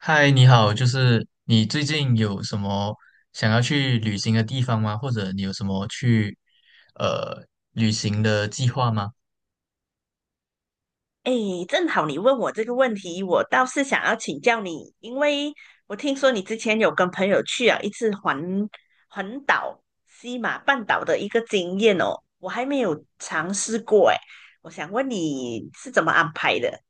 嗨，你好，就是你最近有什么想要去旅行的地方吗？或者你有什么去呃旅行的计划吗？哎，正好你问我这个问题，我倒是想要请教你。因为我听说你之前有跟朋友去一次环岛西马半岛的一个经验哦，我还没有尝试过哎，我想问你是怎么安排的？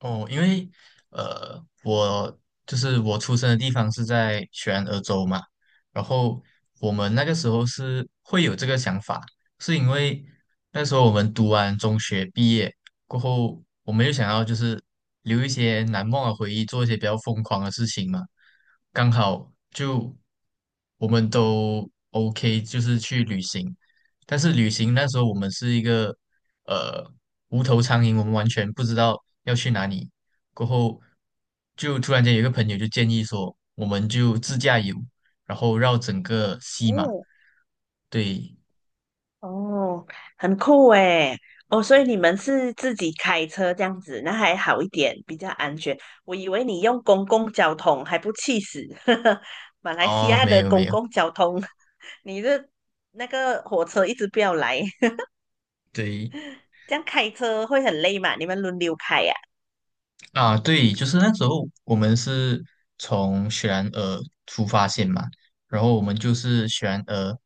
哦，因为呃，我就是我出生的地方是在全俄州嘛，然后我们那个时候是会有这个想法，是因为那时候我们读完中学毕业过后，我们又想要就是留一些难忘的回忆，做一些比较疯狂的事情嘛，刚好就我们都 OK，就是去旅行，但是旅行那时候我们是一个呃无头苍蝇，我们完全不知道要去哪里。过后就突然间有一个朋友就建议说，我们就自驾游，然后绕整个西马。哦，对，哦，很酷诶。哦，所以你们是自己开车这样子，那还好一点，比较安全。我以为你用公共交通还不气死，马来西哦，亚没的有没公有，共交通，你的那个火车一直不要来，对 这样开车会很累嘛？你们轮流开呀、啊，对，就是那时候我们是从雪兰莪出发线嘛，然后我们就是雪兰莪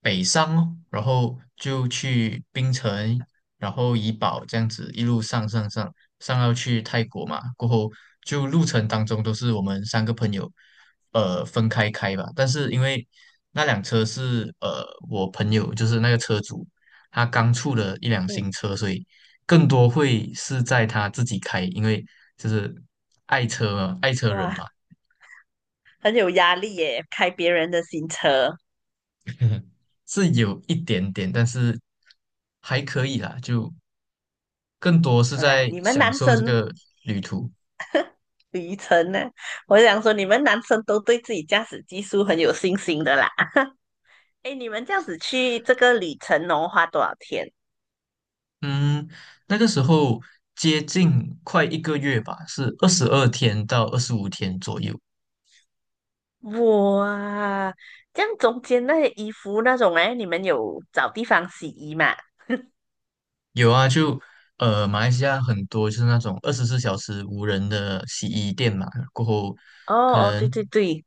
北上哦，然后就去槟城，然后怡保这样子一路上上上上到去泰国嘛，过后就路程当中都是我们三个朋友分开开吧，但是因为那辆车是我朋友就是那个车主，他刚出了一辆嗯，新车，所以更多会是在他自己开，因为就是爱车嘛爱车人哇，嘛。很有压力耶，开别人的新车。是有一点点，但是还可以啦，就更多是好啦，在你们享男受这生个旅途。旅程呢？我想说，你们男生都对自己驾驶技术很有信心的啦。哎，你们这样子去这个里城农花多少天？嗯，那个时候接近快一个月吧，是22天到25天左右。哇，这样中间那些衣服那种哎，你们有找地方洗衣嘛？有啊，就马来西亚很多就是那种24小时无人的洗衣店嘛，过后哦可哦，对能对对。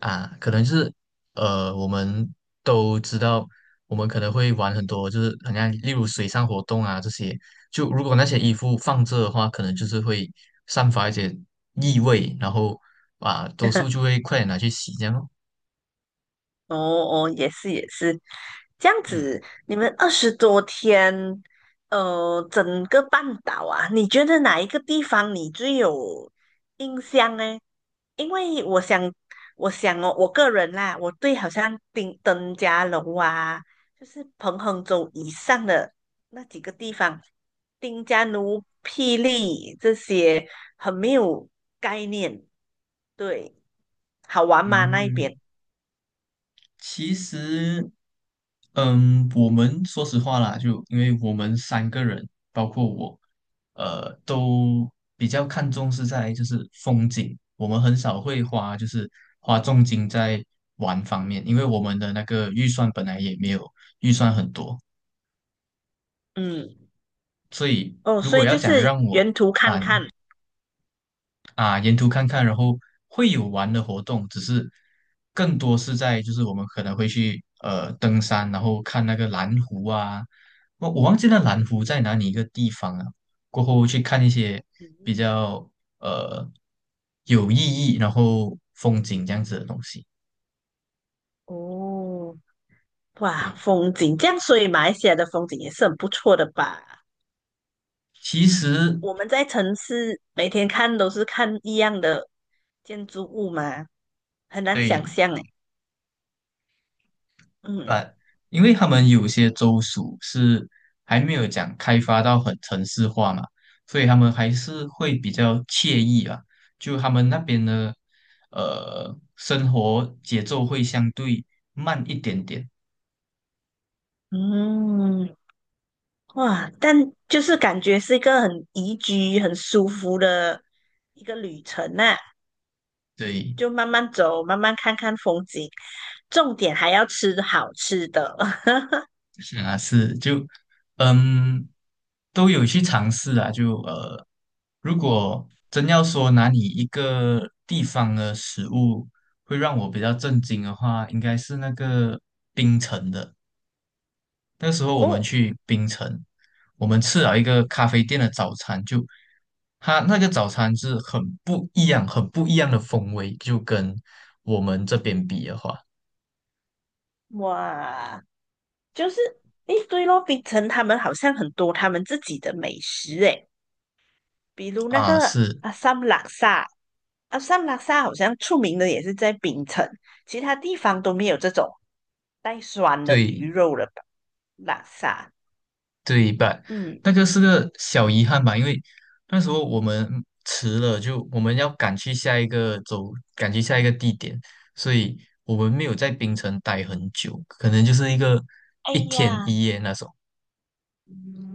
可能就是我们都知道，我们可能会玩很多，就是好像例如水上活动啊这些，就如果那些衣服放着的话，可能就是会散发一些异味，然后啊，多数 就会快点拿去洗这样咯。哦哦，也是也是。这样嗯子，你们20多天，呃，整个半岛啊，你觉得哪一个地方你最有印象呢？因为我想，哦，我个人啦，我对好像丁登嘉楼啊，就是彭亨州以上的那几个地方，丁加奴、霹雳这些很没有概念。对，好玩吗？那一嗯，边？其实，我们说实话啦，就因为我们三个人，包括我，都比较看重是在就是风景，我们很少会花就是花重金在玩方面，因为我们的那个预算本来也没有预算很多，嗯。所以哦，如所果以要就讲是让我原图看啊看。沿途看看，然后会有玩的活动，只是更多是在就是我们可能会去登山，然后看那个蓝湖啊，我忘记那蓝湖在哪里一个地方了，过后去看一些比嗯。较呃有意义，然后风景这样子的东西。哦。哇，对，风景这样，所以马来西亚的风景也是很不错的吧？其实我们在城市每天看都是看一样的建筑物嘛，很难想对，象诶。嗯但因为他们有些州属是还没有讲开发到很城市化嘛，所以他们还是会比较惬意啊。就他们那边的生活节奏会相对慢一点点，嗯。哇，就是感觉是一个很宜居、很舒服的一个旅程呐、对，就慢慢走，慢慢看看风景，重点还要吃好吃的。是啊，是就嗯都有去尝试啊，就如果真要说哪里一个地方的食物会让我比较震惊的话，应该是那个冰城的。那时候我们哦。去槟城，我们吃了一个咖啡店的早餐，就它那个早餐是很不一样、很不一样的风味，就跟我们这边比的话，哇，就是诶，对咯，槟城他们好像很多他们自己的美食诶，比如那啊，个是阿萨姆拉萨，阿萨姆拉萨好像出名的也是在槟城，其他地方都没有这种带酸的对鱼肉了吧拉萨。对半，嗯。那个是个小遗憾吧，因为那时候我们迟了，就我们要赶去下一个地点，所以我们没有在槟城待很久，可能就是一个哎一天呀。一夜那种。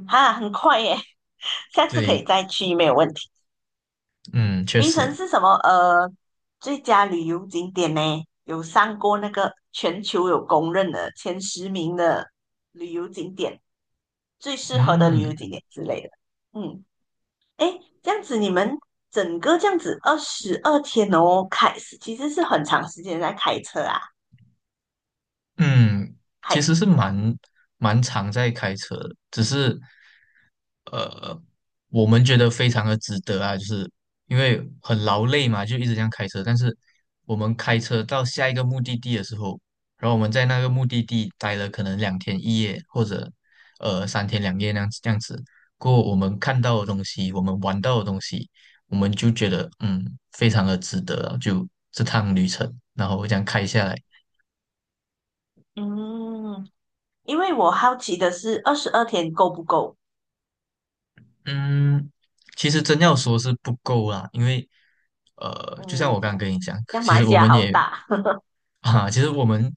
哈，很快耶。下次可以对，再去，没有问题。嗯，确槟实。城是什么？呃，最佳旅游景点呢，有上过那个全球有公认的前10名的旅游景点，最适合的旅游嗯。景点之类的。嗯。诶，这样子你们整个这样子二十二天哦，其实是很长时间在开车啊，嗯，其还实是蛮常在开车的，只是呃，我们觉得非常的值得啊，就是因为很劳累嘛，就一直这样开车。但是我们开车到下一个目的地的时候，然后我们在那个目的地待了可能两天一夜，或者三天两夜那样子这样子。过后我们看到的东西，我们玩到的东西，我们就觉得非常的值得啊，就这趟旅程，然后这样开下来。嗯。因为我好奇的是二十二天够不够？嗯，其实真要说是不够啦，因为就像我刚刚嗯，跟你讲，像其马来实西我亚们好也 大。其实我们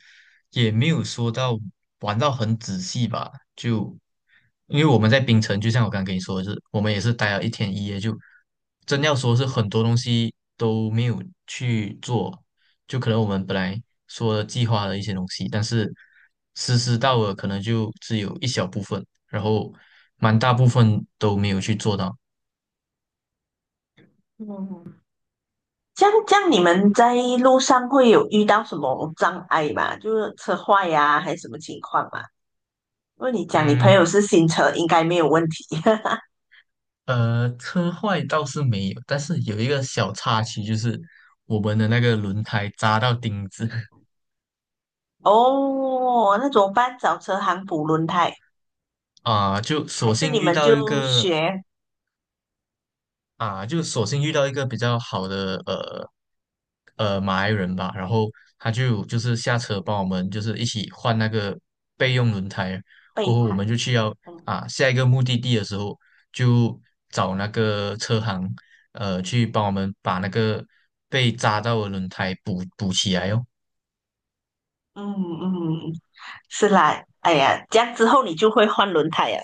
也没有说到玩到很仔细吧，就因为我们在槟城，就像我刚刚跟你说的是，我们也是待了一天一夜，就真要说是很多东西都没有去做，就可能我们本来说计划的一些东西，但是实施到了可能就只有一小部分，然后蛮大部分都没有去做到。嗯。这样这样，你们在路上会有遇到什么障碍吗？就是车坏呀、还是什么情况吗？因为你讲你朋友嗯，是新车，应该没有问题。车坏倒是没有，但是有一个小插曲，就是我们的那个轮胎扎到钉子 哦，那怎么办？找车行补轮胎，啊、就还索是性你遇们到一就个学就索性遇到一个比较好的马来人吧，然后他就是下车帮我们就是一起换那个备用轮胎，过备后我胎？们就去要嗯下一个目的地的时候就找那个车行去帮我们把那个被扎到的轮胎补补起来哦，嗯嗯，是啦。哎呀，这样之后你就会换轮胎呀。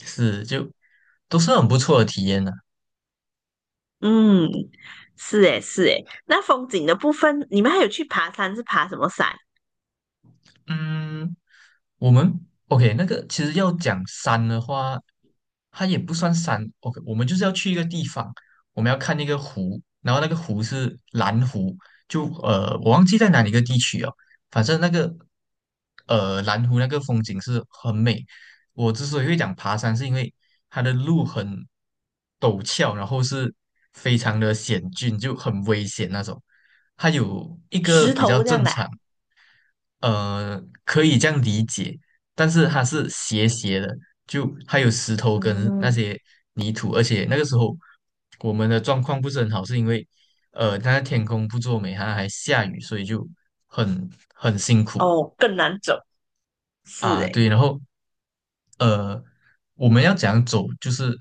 是就都是很不错的体验呢、嗯，是诶是诶。那风景的部分，你们还有去爬山是爬什么山？嗯，我们 OK，那个其实要讲山的话，它也不算山。OK，我们就是要去一个地方，我们要看那个湖，然后那个湖是蓝湖，就我忘记在哪里一个地区哦，反正那个蓝湖那个风景是很美。我之所以会讲爬山，是因为它的路很陡峭，然后是非常的险峻，就很危险那种。它有一个石比较头这样正的啊常。可以这样理解，但是它是斜斜的，就还有石头跟那嗯。些泥土，而且那个时候我们的状况不是很好，是因为它天空不作美，它还下雨，所以就很很辛苦哦，更难走。是啊。诶。对，然后呃，我们要怎样走？就是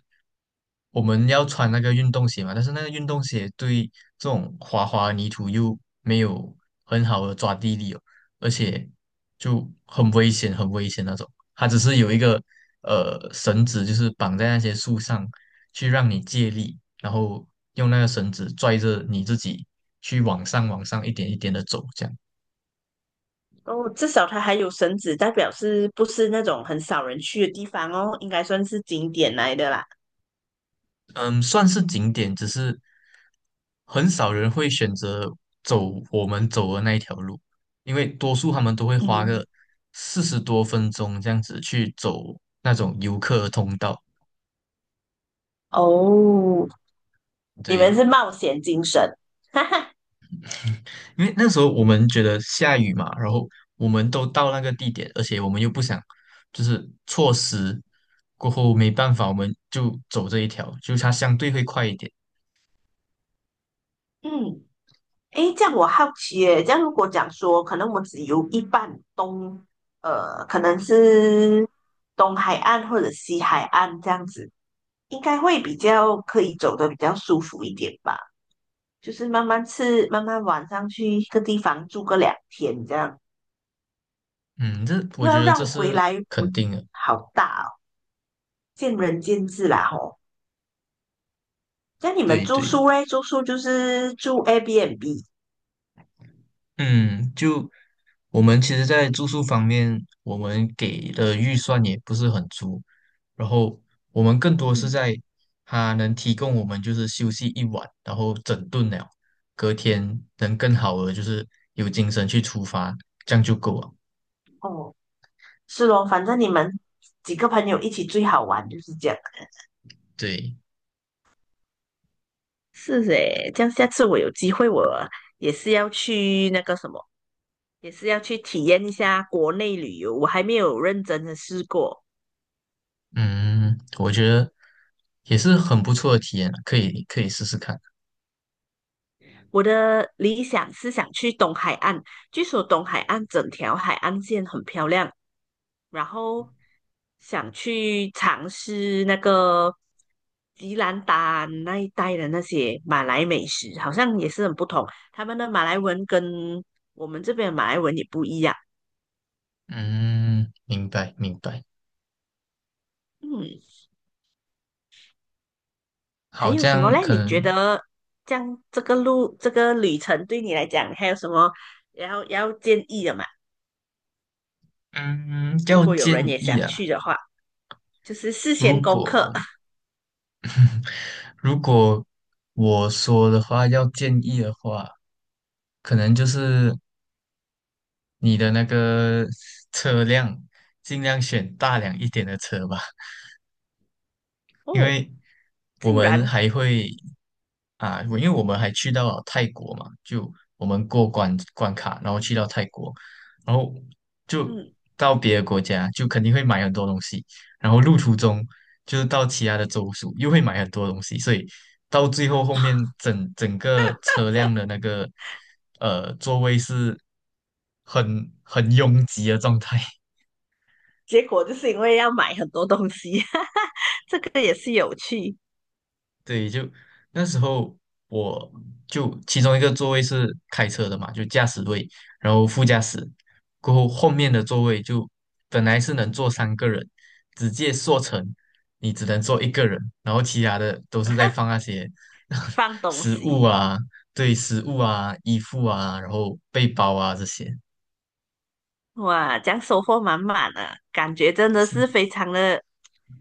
我们要穿那个运动鞋嘛，但是那个运动鞋对这种滑滑泥土又没有很好的抓地力哦，而且就很危险，很危险那种。它只是有一个绳子，就是绑在那些树上，去让你借力，然后用那个绳子拽着你自己去往上、往上一点一点的走，这样。哦，至少它还有绳子，代表是不是那种很少人去的地方哦？应该算是景点来的啦。嗯，算是景点，只是很少人会选择走我们走的那一条路，因为多数他们都会花个嗯。40多分钟这样子去走那种游客通道。哦，你们对，是冒险精神。哈哈。因为那时候我们觉得下雨嘛，然后我们都到那个地点，而且我们又不想就是错失，过后没办法，我们就走这一条，就它相对会快一点。嗯。诶，这样我好奇耶，这样如果讲说，可能我只游一半东，呃，可能是东海岸或者西海岸这样子，应该会比较可以走的比较舒服一点吧。就是慢慢吃，慢慢晚上去一个地方住个2天这样。嗯，这我又要觉得这让回是来，我肯定的。好大哦，见仁见智啦吼。那你们对住对。宿嘞？住宿就是住 Airbnb。 嗯，就我们其实，在住宿方面，我们给的预算也不是很足，然后我们更多是嗯。在它能提供我们就是休息一晚，然后整顿了，隔天能更好的就是有精神去出发，这样就够了。哦，是咯，反正你们几个朋友一起最好玩就是这样。对，是诶，这样下次我有机会，我也是要去那个什么，也是要去体验一下国内旅游。我还没有认真的试过。嗯，我觉得也是很不错的体验了可以试试看。我的理想是想去东海岸，据说东海岸整条海岸线很漂亮，然后想去尝试那个吉兰丹那一带的那些马来美食，好像也是很不同。他们的马来文跟我们这边的马来文也不一样。嗯，明白明白。嗯。还好，有这什么样嘞？可你觉能，得这样这个路这个旅程对你来讲还有什么要建议的吗？嗯，如要果有人建也议想啊。去的话，就是事如先功课。 果如果我说的话，要建议的话，可能就是你的那个 车辆尽量选大辆一点的车吧。因哦，为我竟们然还会啊，我因为我们还去到了泰国嘛，就我们过关关卡，然后去到泰国，然后就嗯。到别的国家，就肯定会买很多东西，然后路途中就是到其他的州属又会买很多东西，所以到最后后面整个车辆的那个座位是很拥挤的状态。结果就是因为要买很多东西。这个也是有趣。对，就那时候我就其中一个座位是开车的嘛，就驾驶位，然后副驾驶，过后后面的座位就本来是能坐三个人，直接缩成你只能坐一个人，然后其他的都是在放那些 放 东食物西。啊，对，食物啊，衣服啊，然后背包啊这些，哇，这样收获满满的，感觉真的是是，非常的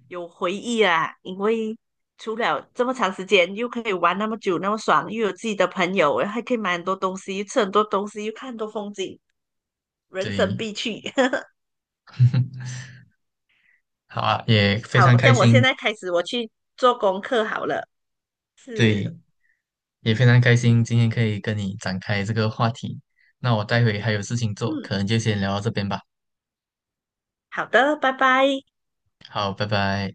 有回忆啊！因为除了这么长时间，又可以玩那么久，那么爽，又有自己的朋友，还可以买很多东西，吃很多东西，又看很多风景，人生对，必去。好啊，也非常好，这开样我现心，在开始我去做功课好了。对，是。也非常开心今天可以跟你展开这个话题。那我待会还有事情做，嗯，可能就先聊到这边吧。好的，拜拜。好，拜拜。